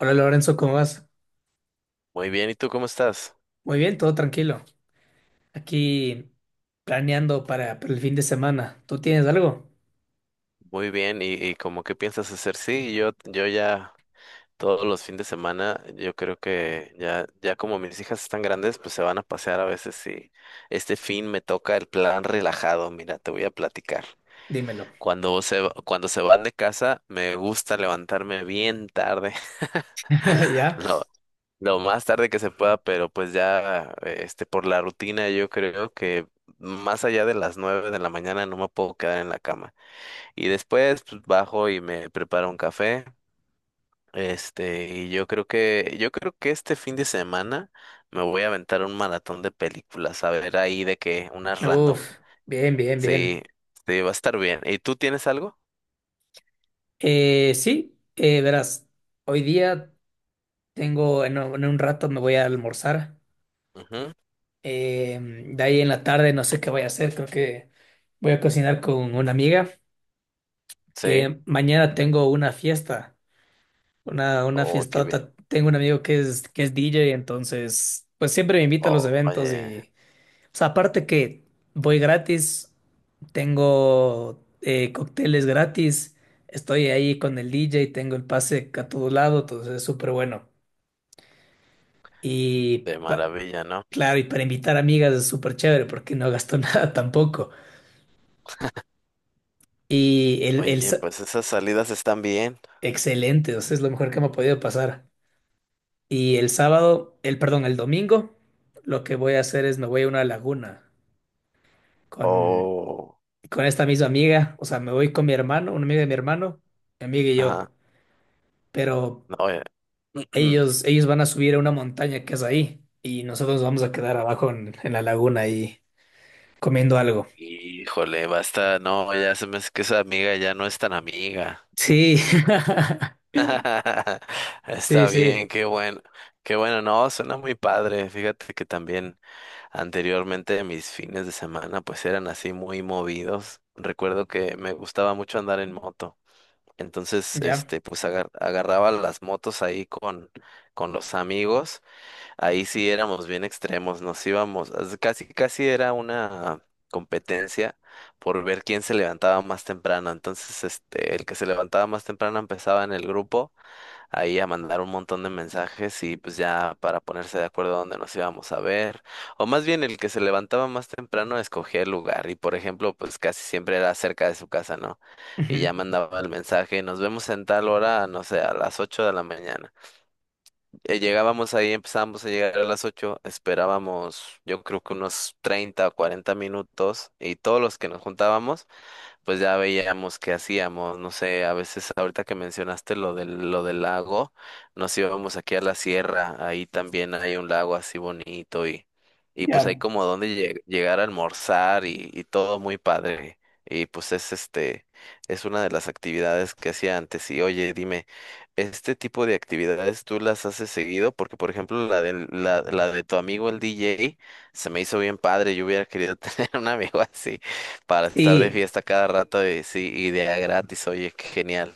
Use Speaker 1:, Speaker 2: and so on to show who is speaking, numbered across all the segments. Speaker 1: Hola Lorenzo, ¿cómo vas?
Speaker 2: Muy bien, ¿y tú cómo estás?
Speaker 1: Muy bien, todo tranquilo. Aquí planeando para el fin de semana. ¿Tú tienes algo?
Speaker 2: Muy bien, ¿y, cómo qué piensas hacer? Sí, yo ya todos los fines de semana, yo creo que ya como mis hijas están grandes, pues se van a pasear a veces y este fin me toca el plan relajado. Mira, te voy a platicar.
Speaker 1: Dímelo.
Speaker 2: Cuando se van de casa, me gusta levantarme bien tarde.
Speaker 1: ¿Ya?
Speaker 2: lo, lo más tarde que se pueda, pero pues ya, por la rutina, yo creo que más allá de las 9 de la mañana no me puedo quedar en la cama. Y después pues bajo y me preparo un café. Y yo creo que, este fin de semana me voy a aventar un maratón de películas, a ver ahí de que unas random.
Speaker 1: Uf, bien, bien,
Speaker 2: Sí,
Speaker 1: bien.
Speaker 2: sí, va a estar bien. ¿Y tú tienes algo?
Speaker 1: Sí, verás, hoy día tengo, en un rato me voy a almorzar.
Speaker 2: Ujú,
Speaker 1: De ahí en la tarde no sé qué voy a hacer, creo que voy a cocinar con una amiga.
Speaker 2: sí.
Speaker 1: Mañana tengo una fiesta. Una
Speaker 2: Oh, qué bien.
Speaker 1: fiestota. Tengo un amigo que es DJ, entonces, pues siempre me invita a los
Speaker 2: Oh,
Speaker 1: eventos
Speaker 2: oye,
Speaker 1: y, o sea, aparte que voy gratis, tengo cócteles gratis, estoy ahí con el DJ, tengo el pase a todo lado, entonces es súper bueno. Y,
Speaker 2: de
Speaker 1: pa-
Speaker 2: maravilla, ¿no?
Speaker 1: claro, y para invitar amigas es súper chévere porque no gasto nada tampoco. Y el,
Speaker 2: Oye,
Speaker 1: sa-
Speaker 2: pues esas salidas están bien.
Speaker 1: excelente, o sea, es lo mejor que me ha podido pasar. Y el sábado, el, perdón, el domingo, lo que voy a hacer es me voy a una laguna con,
Speaker 2: Oh,
Speaker 1: con esta misma amiga. O sea, me voy con mi hermano, una amiga de mi hermano, mi amiga y
Speaker 2: ajá.
Speaker 1: yo. Pero
Speaker 2: No, oye.
Speaker 1: ellos van a subir a una montaña que es ahí y nosotros nos vamos a quedar abajo en la laguna y comiendo algo.
Speaker 2: Híjole, basta, no, ya se me hace que esa amiga ya no es tan amiga.
Speaker 1: Sí, sí,
Speaker 2: Está bien,
Speaker 1: sí,
Speaker 2: qué bueno, no, suena muy padre. Fíjate que también anteriormente mis fines de semana pues eran así muy movidos. Recuerdo que me gustaba mucho andar en moto. Entonces,
Speaker 1: ya.
Speaker 2: pues agarraba las motos ahí con los amigos. Ahí sí éramos bien extremos, nos íbamos, casi, casi era una competencia por ver quién se levantaba más temprano. Entonces, el que se levantaba más temprano empezaba en el grupo ahí a mandar un montón de mensajes y pues ya para ponerse de acuerdo a dónde nos íbamos a ver. O más bien el que se levantaba más temprano escogía el lugar y por ejemplo pues casi siempre era cerca de su casa, ¿no? Y ya
Speaker 1: Ujú,
Speaker 2: mandaba el mensaje, nos vemos en tal hora, no sé, a las 8 de la mañana. Llegábamos ahí, empezábamos a llegar a las 8, esperábamos yo creo que unos 30 o 40 minutos y todos los que nos juntábamos pues ya veíamos qué hacíamos, no sé, a veces ahorita que mencionaste lo del lago, nos íbamos aquí a la sierra, ahí también hay un lago así bonito y pues hay
Speaker 1: ya.
Speaker 2: como donde llegar a almorzar y todo muy padre. Y pues es es una de las actividades que hacía antes. Y oye, dime, ¿este tipo de actividades tú las haces seguido? Porque, por ejemplo, la de tu amigo el DJ se me hizo bien padre. Yo hubiera querido tener un amigo así para estar de
Speaker 1: y
Speaker 2: fiesta cada rato y sí, y de a gratis, oye, qué genial.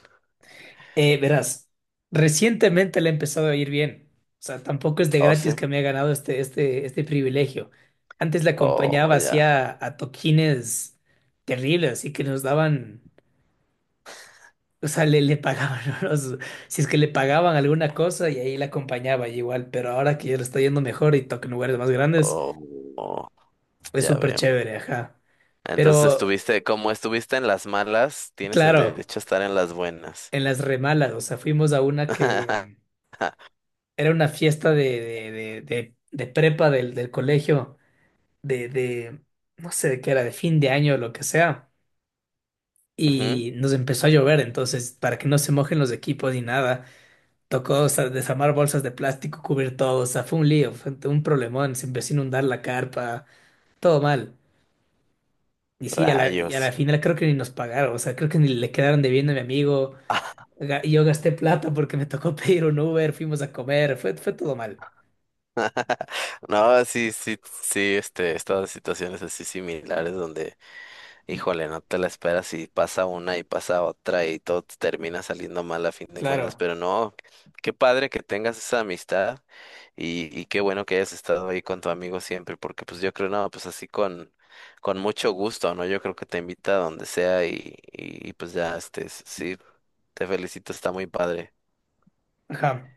Speaker 1: Verás, recientemente le ha empezado a ir bien. O sea, tampoco es de
Speaker 2: Oh,
Speaker 1: gratis
Speaker 2: sí.
Speaker 1: que me ha ganado este privilegio. Antes la
Speaker 2: Oh,
Speaker 1: acompañaba,
Speaker 2: ya,
Speaker 1: hacía a toquines terribles, así que nos daban, o sea, le pagaban, unos- si es que le pagaban alguna cosa y ahí la acompañaba y igual, pero ahora que ya le está yendo mejor y toca en lugares más grandes,
Speaker 2: oh, oh,
Speaker 1: es
Speaker 2: ya
Speaker 1: súper
Speaker 2: veo.
Speaker 1: chévere, ajá.
Speaker 2: Entonces
Speaker 1: Pero,
Speaker 2: estuviste, como estuviste en las malas, tienes el
Speaker 1: claro,
Speaker 2: derecho a estar en las buenas.
Speaker 1: en las remalas, o sea, fuimos a una que... Era una fiesta de prepa del colegio, de, de, no sé de qué era, de fin de año o lo que sea.
Speaker 2: Ujú.
Speaker 1: Y nos empezó a llover, entonces, para que no se mojen los equipos ni nada, tocó, o sea, desarmar bolsas de plástico, cubrir todo, o sea, fue un lío, fue un problemón, se empezó a inundar la carpa, todo mal. Y sí, a la, y a la
Speaker 2: Rayos.
Speaker 1: final creo que ni nos pagaron, o sea, creo que ni le quedaron debiendo a mi amigo. Ga- yo gasté plata porque me tocó pedir un Uber, fuimos a comer, fue, fue todo mal.
Speaker 2: No, sí, sí, sí, he estado en situaciones así similares donde, híjole, no te la esperas y pasa una y pasa otra y todo te termina saliendo mal a fin de cuentas,
Speaker 1: Claro.
Speaker 2: pero no, qué padre que tengas esa amistad y qué bueno que hayas estado ahí con tu amigo siempre, porque pues yo creo, no, pues así con mucho gusto, ¿no? Yo creo que te invita a donde sea y pues ya, sí, te felicito, está muy padre.
Speaker 1: Ajá.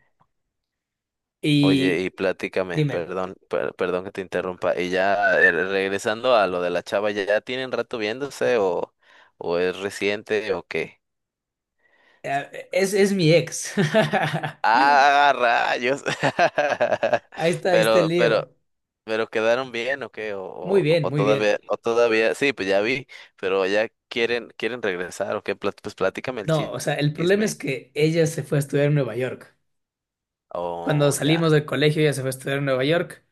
Speaker 2: Oye,
Speaker 1: Y,
Speaker 2: y platícame,
Speaker 1: dime,
Speaker 2: perdón, perdón que te interrumpa, y ya regresando a lo de la chava, ¿ya, ya tienen rato viéndose o es reciente o qué?
Speaker 1: es mi ex.
Speaker 2: Ah, rayos.
Speaker 1: Ahí está el
Speaker 2: Pero, pero,
Speaker 1: lío.
Speaker 2: pero quedaron bien, ¿o qué?
Speaker 1: Muy bien, muy bien.
Speaker 2: O todavía, sí, pues ya vi, pero ya quieren, quieren regresar, ¿o qué? Pues platícame el
Speaker 1: No, o sea, el problema es
Speaker 2: chisme.
Speaker 1: que ella se fue a estudiar en Nueva York. Cuando
Speaker 2: Oh,
Speaker 1: salimos
Speaker 2: ya,
Speaker 1: del colegio, ella se fue a estudiar en Nueva York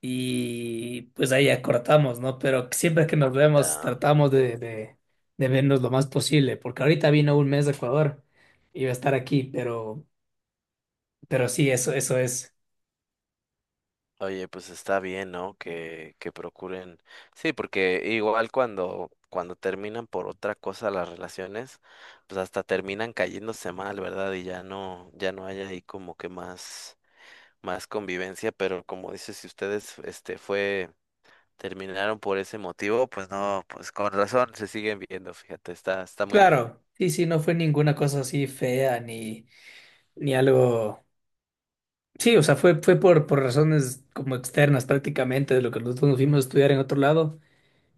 Speaker 1: y pues ahí acortamos, ¿no? Pero siempre que nos vemos,
Speaker 2: ya.
Speaker 1: tratamos de vernos lo más posible, porque ahorita vino un mes de Ecuador y va a estar aquí, pero sí, eso es.
Speaker 2: Oye, pues está bien, ¿no? Que procuren. Sí, porque igual cuando, cuando terminan por otra cosa las relaciones, pues hasta terminan cayéndose mal, ¿verdad? Y ya no, ya no hay ahí como que más, más convivencia, pero como dices, si ustedes este fue, terminaron por ese motivo, pues no, pues con razón se siguen viendo, fíjate, está muy bien.
Speaker 1: Claro, sí, sí, no fue ninguna cosa así fea ni, ni algo. Sí, o sea, fue, fue por razones como externas prácticamente de lo que nosotros nos fuimos a estudiar en otro lado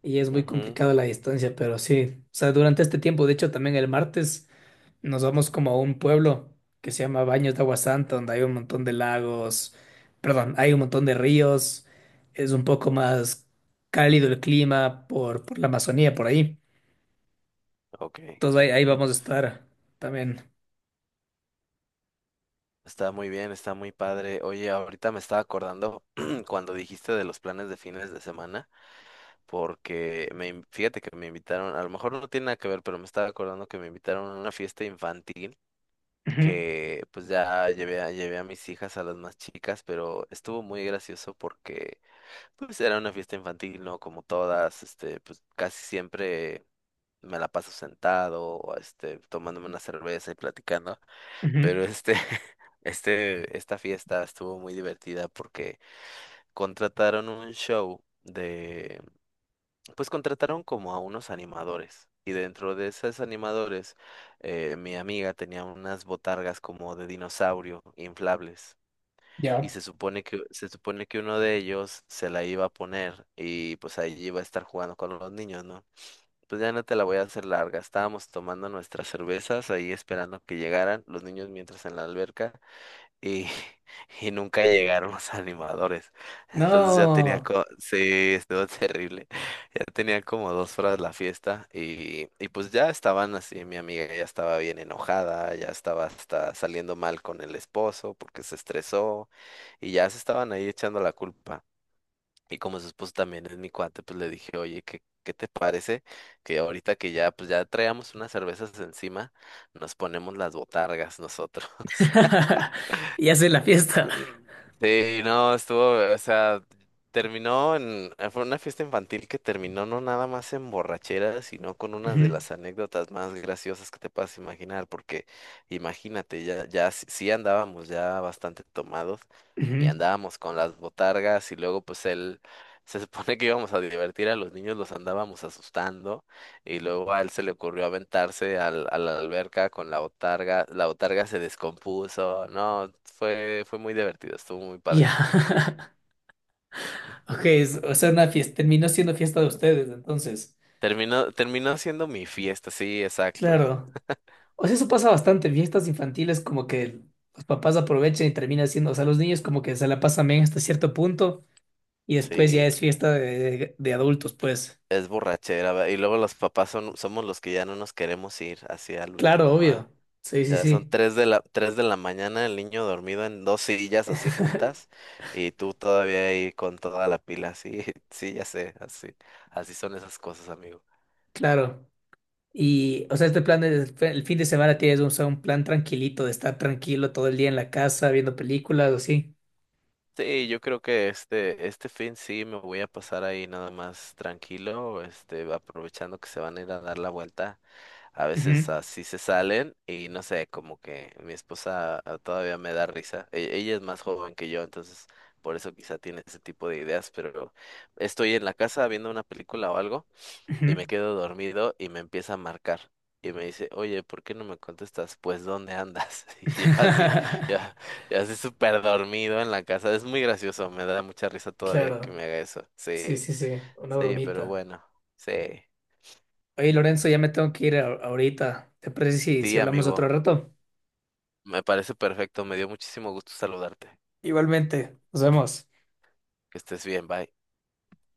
Speaker 1: y es muy
Speaker 2: Ujú,
Speaker 1: complicado la distancia, pero sí, o sea, durante este tiempo, de hecho también el martes nos vamos como a un pueblo que se llama Baños de Agua Santa, donde hay un montón de lagos, perdón, hay un montón de ríos, es un poco más cálido el clima por la Amazonía, por ahí.
Speaker 2: ok.
Speaker 1: Entonces ahí
Speaker 2: Mm,
Speaker 1: vamos a estar también.
Speaker 2: está muy bien, está muy padre. Oye, ahorita me estaba acordando cuando dijiste de los planes de fines de semana, porque fíjate que me invitaron, a lo mejor no tiene nada que ver, pero me estaba acordando que me invitaron a una fiesta infantil,
Speaker 1: Ujú,
Speaker 2: que pues ya llevé llevé a mis hijas, a las más chicas, pero estuvo muy gracioso porque, pues era una fiesta infantil, ¿no? Como todas, pues casi siempre me la paso sentado, tomándome una cerveza y platicando,
Speaker 1: ujú,
Speaker 2: pero esta fiesta estuvo muy divertida porque contrataron un show de, pues contrataron como a unos animadores. Y dentro de esos animadores, mi amiga tenía unas botargas como de dinosaurio inflables y
Speaker 1: ya.
Speaker 2: se supone que uno de ellos se la iba a poner y pues ahí iba a estar jugando con los niños, ¿no? Pues ya no te la voy a hacer larga. Estábamos tomando nuestras cervezas ahí esperando que llegaran los niños mientras en la alberca y, y nunca llegaron los animadores. Entonces ya tenía,
Speaker 1: No.
Speaker 2: sí, estuvo terrible. Ya tenía como 2 horas la fiesta y pues ya estaban así, mi amiga ya estaba bien enojada, ya estaba hasta saliendo mal con el esposo porque se estresó y ya se estaban ahí echando la culpa. Y como su esposo también es mi cuate, pues le dije, oye, ¿qué, qué te parece que ahorita que ya, pues ya traíamos unas cervezas encima, nos ponemos las botargas nosotros?
Speaker 1: Ya sé la fiesta.
Speaker 2: Sí, no, estuvo, o sea, terminó en, fue una fiesta infantil que terminó no nada más en borrachera, sino con unas
Speaker 1: Ujú,
Speaker 2: de las anécdotas más graciosas que te puedas imaginar, porque imagínate, ya, ya sí andábamos ya bastante tomados y
Speaker 1: ujú.
Speaker 2: andábamos con las botargas y luego pues él, se supone que íbamos a divertir a los niños, los andábamos asustando. Y luego a él se le ocurrió aventarse al, a la alberca con la botarga. La botarga se descompuso. No, fue, fue muy divertido, estuvo muy
Speaker 1: Ya.
Speaker 2: padre.
Speaker 1: Ok, es- o sea, una fiesta, terminó siendo fiesta de ustedes, entonces.
Speaker 2: Terminó, terminó siendo mi fiesta, sí, exacto.
Speaker 1: Claro. O sea, eso pasa bastante en fiestas infantiles, como que los papás aprovechan y termina siendo, o sea, los niños como que se la pasan bien hasta cierto punto y después ya
Speaker 2: Sí,
Speaker 1: es fiesta de adultos, pues.
Speaker 2: es borrachera, va. Y luego los papás son, somos los que ya no nos queremos ir hacia el
Speaker 1: Claro,
Speaker 2: último, va.
Speaker 1: obvio. Sí, sí,
Speaker 2: Ya son
Speaker 1: sí,
Speaker 2: tres de la, 3 de la mañana, el niño dormido en 2 sillas así juntas, y tú todavía ahí con toda la pila, sí, sí, ya sé, así, así son esas cosas, amigo.
Speaker 1: claro. Y, o sea, este plan es- el fin de semana tienes un, o sea, un plan tranquilito de estar tranquilo todo el día en la casa viendo películas o así.
Speaker 2: Sí, yo creo que este fin sí me voy a pasar ahí nada más tranquilo, aprovechando que se van a ir a dar la vuelta. A
Speaker 1: Ujú,
Speaker 2: veces así se salen y no sé, como que mi esposa, ah, todavía me da risa. Ella es más joven que yo, entonces por eso quizá tiene ese tipo de ideas, pero estoy en la casa viendo una película o algo
Speaker 1: ujú.
Speaker 2: y me quedo dormido y me empieza a marcar. Y me dice, oye, ¿por qué no me contestas? Pues, ¿dónde andas? Y yo así, ya, ya así súper dormido en la casa. Es muy gracioso, me da mucha risa todavía que
Speaker 1: Claro.
Speaker 2: me haga eso.
Speaker 1: Sí,
Speaker 2: Sí,
Speaker 1: sí, sí, una
Speaker 2: sí, pero
Speaker 1: bromita.
Speaker 2: bueno, sí.
Speaker 1: Oye, Lorenzo, ya me tengo que ir a- ahorita. ¿Te parece si, si
Speaker 2: Sí,
Speaker 1: hablamos otro
Speaker 2: amigo,
Speaker 1: rato?
Speaker 2: me parece perfecto, me dio muchísimo gusto saludarte.
Speaker 1: Igualmente, nos vemos.
Speaker 2: Que estés bien, bye.